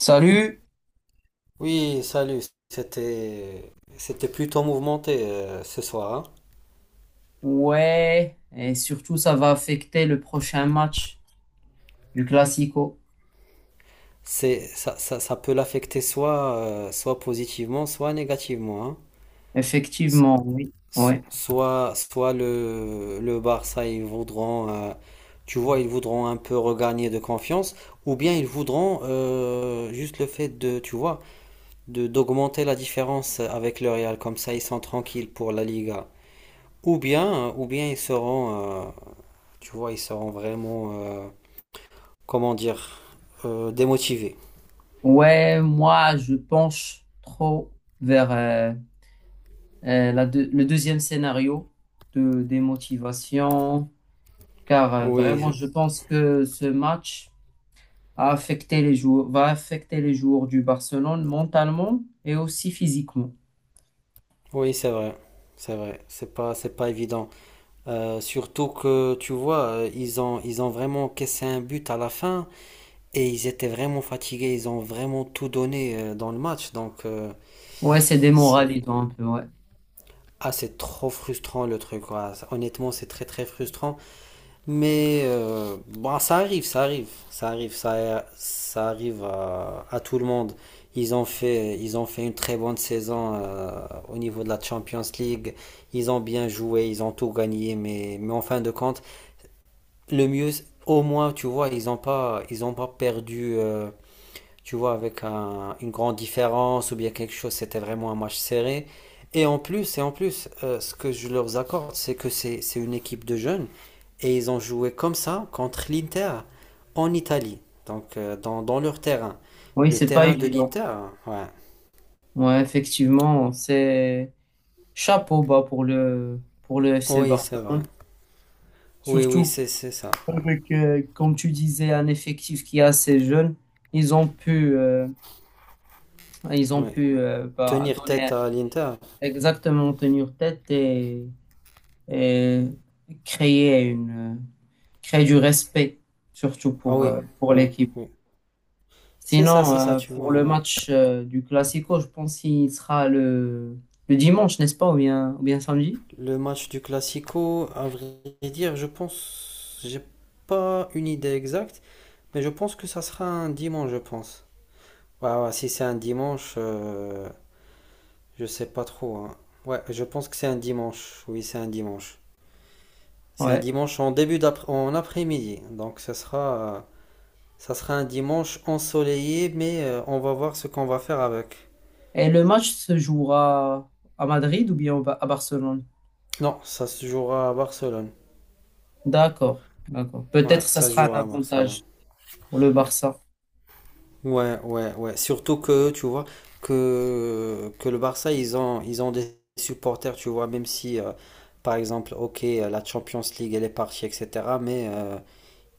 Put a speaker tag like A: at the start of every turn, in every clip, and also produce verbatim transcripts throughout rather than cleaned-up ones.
A: Salut.
B: Oui, salut. C'était c'était plutôt mouvementé euh, ce soir, hein.
A: Ouais, et surtout ça va affecter le prochain match du Classico.
B: C'est ça. Ça, ça peut l'affecter soit euh, soit positivement, soit négativement, hein. S-
A: Effectivement, oui,
B: s-
A: ouais.
B: Soit soit le le Barça, ils voudront euh, tu vois, ils voudront un peu regagner de confiance, ou bien ils voudront euh, juste le fait de, tu vois, de d'augmenter la différence avec le Real, comme ça ils sont tranquilles pour la Liga. Ou bien ou bien ils seront euh, tu vois, ils seront vraiment euh, comment dire, euh, démotivé.
A: Ouais, moi je penche trop vers euh, euh, la deux- le deuxième scénario de démotivation, car euh, vraiment
B: Oui,
A: je pense que ce match a affecté les joueurs, va affecter les joueurs du Barcelone mentalement et aussi physiquement.
B: oui, c'est vrai. C'est vrai, c'est pas, c'est pas évident. Euh, surtout que, tu vois, euh, ils ont, ils ont vraiment cassé un but à la fin, et ils étaient vraiment fatigués, ils ont vraiment tout donné euh, dans le match. Donc, euh,
A: Ouais, c'est
B: c'est,
A: démoralisant un peu, ouais.
B: ah, c'est trop frustrant le truc, quoi. Honnêtement, c'est très très frustrant. Mais euh, bon, ça arrive, ça arrive, ça arrive, ça, ça arrive à à tout le monde. Ils ont fait, ils ont fait une très bonne saison euh, au niveau de la Champions League. Ils ont bien joué, ils ont tout gagné, mais, mais en fin de compte, le mieux, au moins, tu vois, ils n'ont pas, ils ont pas perdu euh, tu vois, avec un- une grande différence ou bien quelque chose, c'était vraiment un match serré. Et en plus, et en plus, euh, ce que je leur accorde, c'est que c'est c'est une équipe de jeunes, et ils ont joué comme ça contre l'Inter en Italie, donc euh, dans, dans leur terrain.
A: Oui,
B: Le
A: c'est pas
B: terrain de
A: évident.
B: l'Inter, ouais.
A: Ouais, effectivement, c'est... Chapeau bas pour le, pour le F C
B: Oui, c'est vrai.
A: Barcelone.
B: Oui, oui,
A: Surtout
B: c'est c'est ça.
A: avec, euh, comme tu disais, un effectif qui est assez jeune. Ils ont pu, euh, ils ont
B: Oui.
A: pu euh, bah,
B: Tenir tête
A: donner...
B: à l'Inter.
A: exactement, tenir tête et, et créer une, créer du respect, surtout
B: Ah
A: pour,
B: oui,
A: euh, pour
B: oui,
A: l'équipe.
B: oui. C'est ça,
A: Sinon,
B: c'est ça,
A: euh,
B: tu
A: pour
B: vois,
A: le
B: ouais.
A: match euh, du Classico, je pense qu'il sera le, le dimanche, n'est-ce pas, ou bien, ou bien samedi?
B: Le match du Classico, à vrai dire, je pense, j'ai pas une idée exacte, mais je pense que ça sera un dimanche, je pense. Ouais, ouais, si c'est un dimanche, euh, je sais pas trop, hein. Ouais, je pense que c'est un dimanche. Oui, c'est un dimanche. C'est un
A: Ouais.
B: dimanche en début d'après, en après-midi. Donc, ça sera, euh, ça sera un dimanche ensoleillé, mais euh, on va voir ce qu'on va faire avec.
A: Et le match se jouera à Madrid ou bien au Ba- à Barcelone?
B: Non, ça se jouera à Barcelone.
A: D'accord, d'accord.
B: Ouais,
A: Peut-être ça
B: ça se
A: sera un
B: jouera à Barcelone.
A: avantage pour le Barça.
B: Ouais, ouais, ouais. Surtout que, tu vois, que, que le Barça, ils ont, ils ont des supporters, tu vois, même si, euh, par exemple, ok, euh, la Champions League, elle est partie, et cetera. Mais, euh,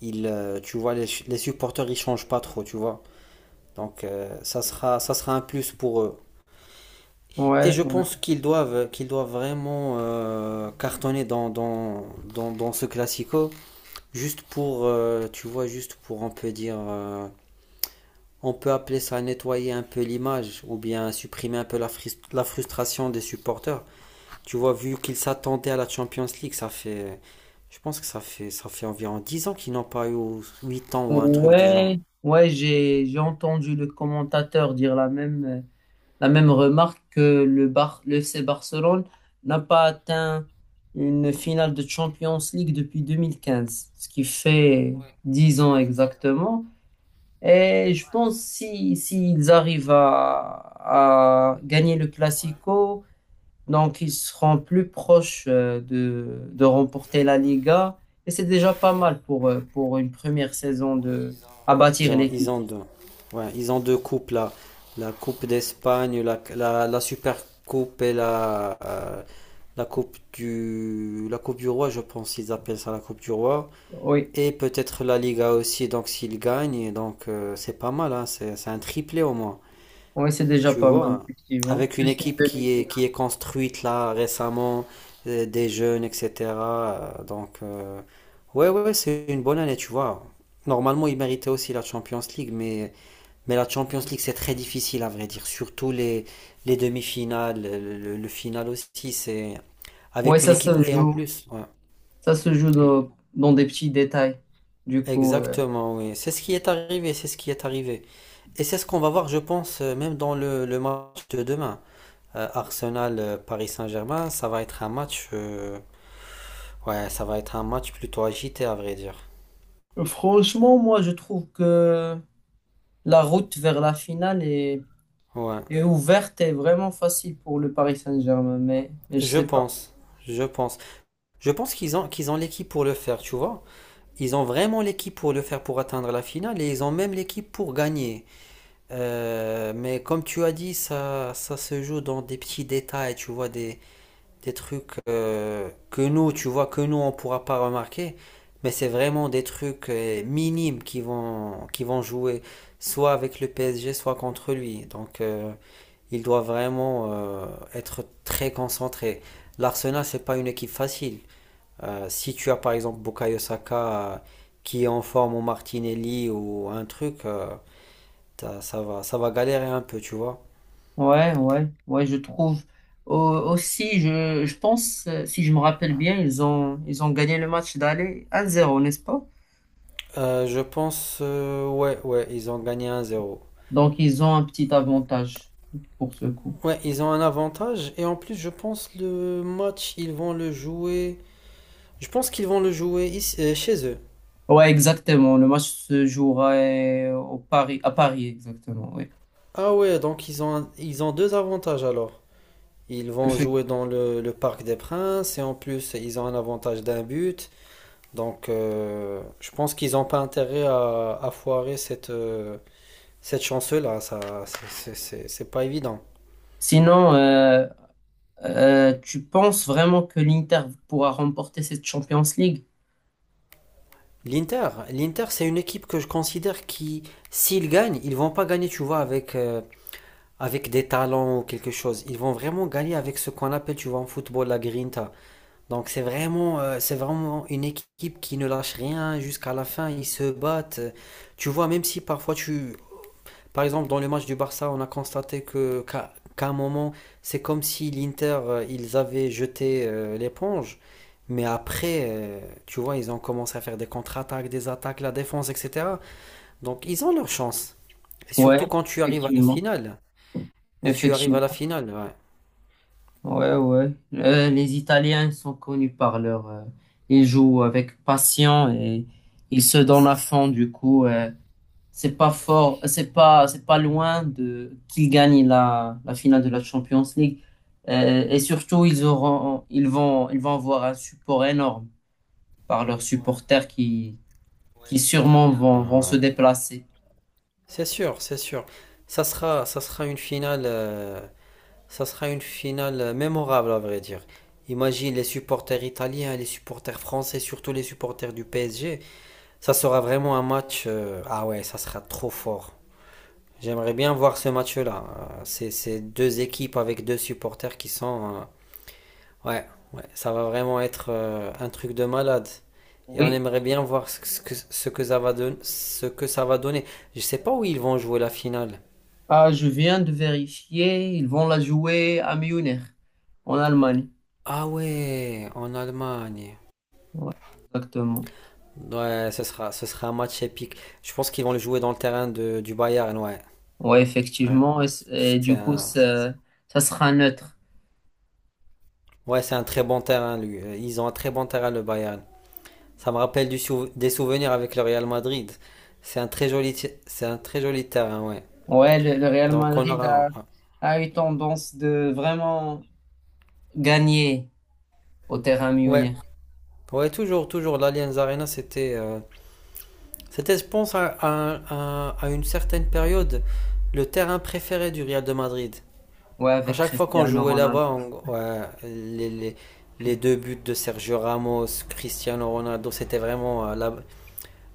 B: ils, euh, tu vois, les, les supporters, ils changent pas trop, tu vois. Donc, euh, ça sera, ça sera un plus pour eux. Et
A: Ouais,
B: je
A: ouais.
B: pense qu'ils doivent, qu'ils doivent vraiment euh, cartonner dans, dans, dans, dans ce classico, juste pour, euh, tu vois, juste pour, on peut dire... euh, on peut appeler ça nettoyer un peu l'image, ou bien supprimer un peu la, fris- la frustration des supporters. Tu vois, vu qu'ils s'attendaient à la Champions League, ça fait, je pense que ça fait, ça fait environ dix ans qu'ils n'ont pas eu, ou huit ans ou un truc du genre.
A: Ouais, ouais, j'ai j'ai entendu le commentateur dire la même euh, la même remarque que le Bar le F C Barcelone n'a pas atteint une finale de Champions League depuis deux mille quinze, ce qui fait
B: Ouais,
A: dix
B: ça
A: ans
B: fait dix là.
A: exactement. Et je pense si s'ils arrivent à, à gagner le Classico, donc ils seront plus proches euh, de, de remporter la Liga. Et c'est déjà pas mal pour, euh, pour une première saison de, à
B: Ils
A: bâtir
B: ont, ils
A: l'équipe.
B: ont deux, ouais, ils ont deux coupes là, la Coupe d'Espagne, la, la, la Super Coupe et la, euh, la Coupe du, la Coupe du Roi, je pense qu'ils appellent ça la Coupe du Roi.
A: Oui,
B: Et peut-être la Liga aussi, donc s'il gagne, donc euh, c'est pas mal, hein, c'est c'est un triplé au moins.
A: oui, c'est déjà
B: Tu
A: pas mal,
B: vois,
A: effectivement.
B: avec une
A: Plus une
B: équipe qui est, qui
A: demi-finale.
B: est construite là récemment, euh, des jeunes, et cetera euh, donc, euh, ouais, ouais, ouais, c'est une bonne année, tu vois. Normalement, ils méritaient aussi la Champions League, mais, mais la Champions League, c'est très difficile à vrai dire. Surtout les, les demi-finales, le, le- le final aussi, c'est
A: Oui,
B: avec une
A: ça
B: équipe
A: se
B: et en
A: joue.
B: plus. Ouais,
A: Ça se joue dans, dans des petits détails. Du coup, euh,
B: exactement, oui. C'est ce qui est arrivé, c'est ce qui est arrivé. Et c'est ce qu'on va voir, je pense, euh, même dans le, le match de demain. Euh, Arsenal-Paris Saint-Germain, ça va être un match, euh, ouais, ça va être un match plutôt agité, à vrai dire.
A: franchement, moi, je trouve que la route vers la finale est...
B: Ouais,
A: et ouverte, est vraiment facile pour le Paris Saint-Germain, mais, mais je
B: je
A: sais pas.
B: pense, je pense. Je pense qu'ils ont, qu'ils ont l'équipe pour le faire, tu vois. Ils ont vraiment l'équipe pour le faire, pour atteindre la finale, et ils ont même l'équipe pour gagner. Euh, mais comme tu as dit, ça, ça se joue dans des petits détails, tu vois, des, des trucs euh, que nous, tu vois, que nous, on ne pourra pas remarquer, mais c'est vraiment des trucs euh, minimes qui vont, qui vont jouer, soit avec le P S G, soit contre lui. Donc, euh, il doit vraiment euh, être très concentré. L'Arsenal, c'est pas une équipe facile. Euh, si tu as par exemple Bukayo Saka euh, qui est en forme ou Martinelli ou un truc, euh, ça va, ça va galérer un peu, tu vois.
A: Ouais, ouais, ouais, je trouve. Au- Aussi, je, je pense, euh, si je me rappelle bien, ils ont, ils ont gagné le match d'aller un zéro, n'est-ce pas?
B: Euh, je pense, euh, ouais, ouais, ils ont gagné un zéro.
A: Donc, ils ont un petit avantage pour ce coup.
B: Ouais, ils ont un avantage, et en plus, je pense le match, ils vont le jouer. Je pense qu'ils vont le jouer ici- euh, chez eux.
A: Ouais, exactement. Le match se jouera euh, au Paris, à Paris, exactement, oui.
B: Ah ouais, donc ils ont un- ils ont deux avantages alors. Ils vont
A: Effect-
B: jouer dans le, le Parc des Princes, et en plus, ils ont un avantage d'un but. Donc, euh, je pense qu'ils n'ont pas intérêt à, à foirer cette euh, cette chance-là. Ça, c'est c'est- c'est- c'est pas évident.
A: Sinon, euh, euh, tu penses vraiment que l'Inter pourra remporter cette Champions League?
B: L'Inter, l'Inter, c'est une équipe que je considère qui, s'ils gagnent, ils vont pas gagner, tu vois, avec euh, avec des talents ou quelque chose. Ils vont vraiment gagner avec ce qu'on appelle, tu vois, en football, la grinta. Donc c'est vraiment, euh, c'est vraiment une équipe qui ne lâche rien jusqu'à la fin. Ils se battent. Tu vois, même si parfois tu... Par exemple, dans le match du Barça, on a constaté que qu'à qu'à un moment, c'est comme si l'Inter, euh, ils avaient jeté euh, l'éponge. Mais après, euh, tu vois, ils ont commencé à faire des contre-attaques, des attaques, la défense, et cetera. Donc ils ont leur chance. Et surtout
A: Ouais,
B: quand tu arrives à la
A: effectivement.
B: finale. Et tu arrives à la
A: Effectivement.
B: finale, ouais.
A: Ouais, ouais. Euh, les Italiens sont connus par leur... euh, ils jouent avec passion et ils se donnent à fond. Du coup, euh, c'est pas fort, c'est pas, c'est pas loin de qu'ils gagnent la, la finale de la Champions League. Euh, et surtout, ils auront, ils vont, ils vont avoir un support énorme par leurs supporters qui, qui sûrement vont, vont
B: Euh,
A: se déplacer.
B: c'est sûr, c'est sûr. Ça sera, ça sera une finale, euh, ça sera une finale euh, mémorable à vrai dire. Imagine les supporters italiens, les supporters français, surtout les supporters du P S G. Ça sera vraiment un match. euh, ah ouais, ça sera trop fort. J'aimerais bien voir ce match-là. Euh, C'est c'est deux équipes avec deux supporters qui sont, euh, ouais, ouais, ça va vraiment être euh, un truc de malade. Et on
A: Oui.
B: aimerait bien voir ce que, ce que- ce que ça va don- ce que ça va donner. Je sais pas où ils vont jouer la finale.
A: Ah, je viens de vérifier. Ils vont la jouer à Munich, en Allemagne.
B: Ah ouais, en Allemagne.
A: Ouais, exactement.
B: Ouais, ce sera, ce sera un match épique. Je pense qu'ils vont le jouer dans le terrain de, du Bayern, ouais.
A: Ouais,
B: Ouais,
A: effectivement. Et, c- et
B: c'est
A: du coup,
B: un,
A: ça, ça sera neutre.
B: ouais, c'est un très bon terrain, lui. Euh, Ils ont un très bon terrain, le Bayern. Ça me rappelle du sou- des souvenirs avec le Real Madrid. C'est un très joli ti- c'est un très joli terrain, ouais.
A: Ouais, le, le Real
B: Donc on
A: Madrid
B: aura,
A: a,
B: ouais.
A: a eu tendance de vraiment gagner au terrain
B: Ouais,
A: Munich.
B: ouais, toujours, toujours. L'Allianz Arena, c'était, euh, c'était, je pense, à, à- à- à une certaine période, le terrain préféré du Real de Madrid.
A: Ouais,
B: À
A: avec
B: chaque fois qu'on
A: Cristiano
B: jouait là-bas,
A: Ronaldo.
B: on- ouais, les, les- les deux buts de Sergio Ramos, Cristiano Ronaldo, c'était vraiment, euh, la-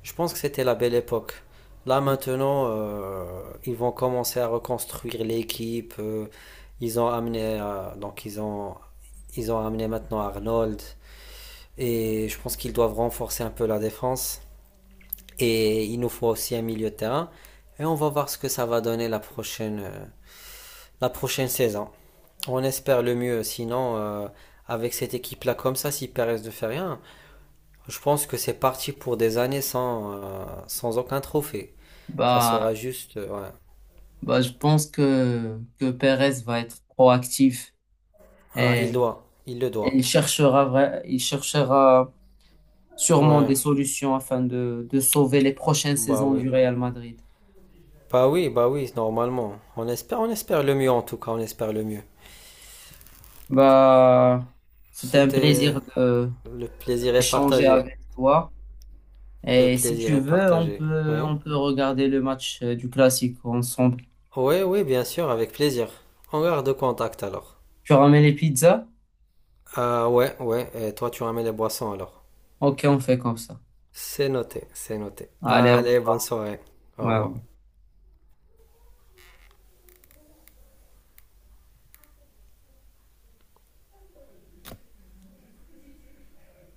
B: je pense que c'était la belle époque. Là, maintenant, euh, ils vont commencer à reconstruire l'équipe. euh, ils ont amené, euh, donc ils ont, ils ont amené maintenant Arnold. Et je pense qu'ils doivent renforcer un peu la défense. Et il nous faut aussi un milieu de terrain. Et on va voir ce que ça va donner la prochaine, euh, la prochaine saison. On espère le mieux. Sinon, euh, avec cette équipe-là comme ça, si Perez ne fait rien, je pense que c'est parti pour des années sans, euh, sans aucun trophée. Ça
A: Bah,
B: sera juste... euh, ouais.
A: bah, je pense que, que Perez va être proactif
B: Ah, il
A: et,
B: doit. Il le
A: et
B: doit.
A: il cherchera, vra- il cherchera sûrement
B: Ouais.
A: des solutions afin de, de sauver les prochaines
B: Bah
A: saisons
B: oui.
A: du Real Madrid.
B: Bah oui, bah oui, normalement. On espère, on espère le mieux en tout cas. On espère le mieux.
A: Bah, c'était un
B: C'était...
A: plaisir de
B: Le plaisir est
A: d'échanger
B: partagé.
A: avec toi.
B: Le
A: Et si
B: plaisir
A: tu
B: est
A: veux, on
B: partagé.
A: peut,
B: Oui.
A: on peut regarder le match euh, du classique ensemble.
B: Oui, oui, bien sûr, avec plaisir. On garde contact alors.
A: Tu ramènes les pizzas?
B: Ah ouais, ouais, et toi tu ramènes les boissons alors.
A: Ok, on fait comme ça.
B: C'est noté, c'est noté.
A: Allez, au
B: Allez, bonne
A: revoir.
B: soirée. Au revoir.
A: Ouais.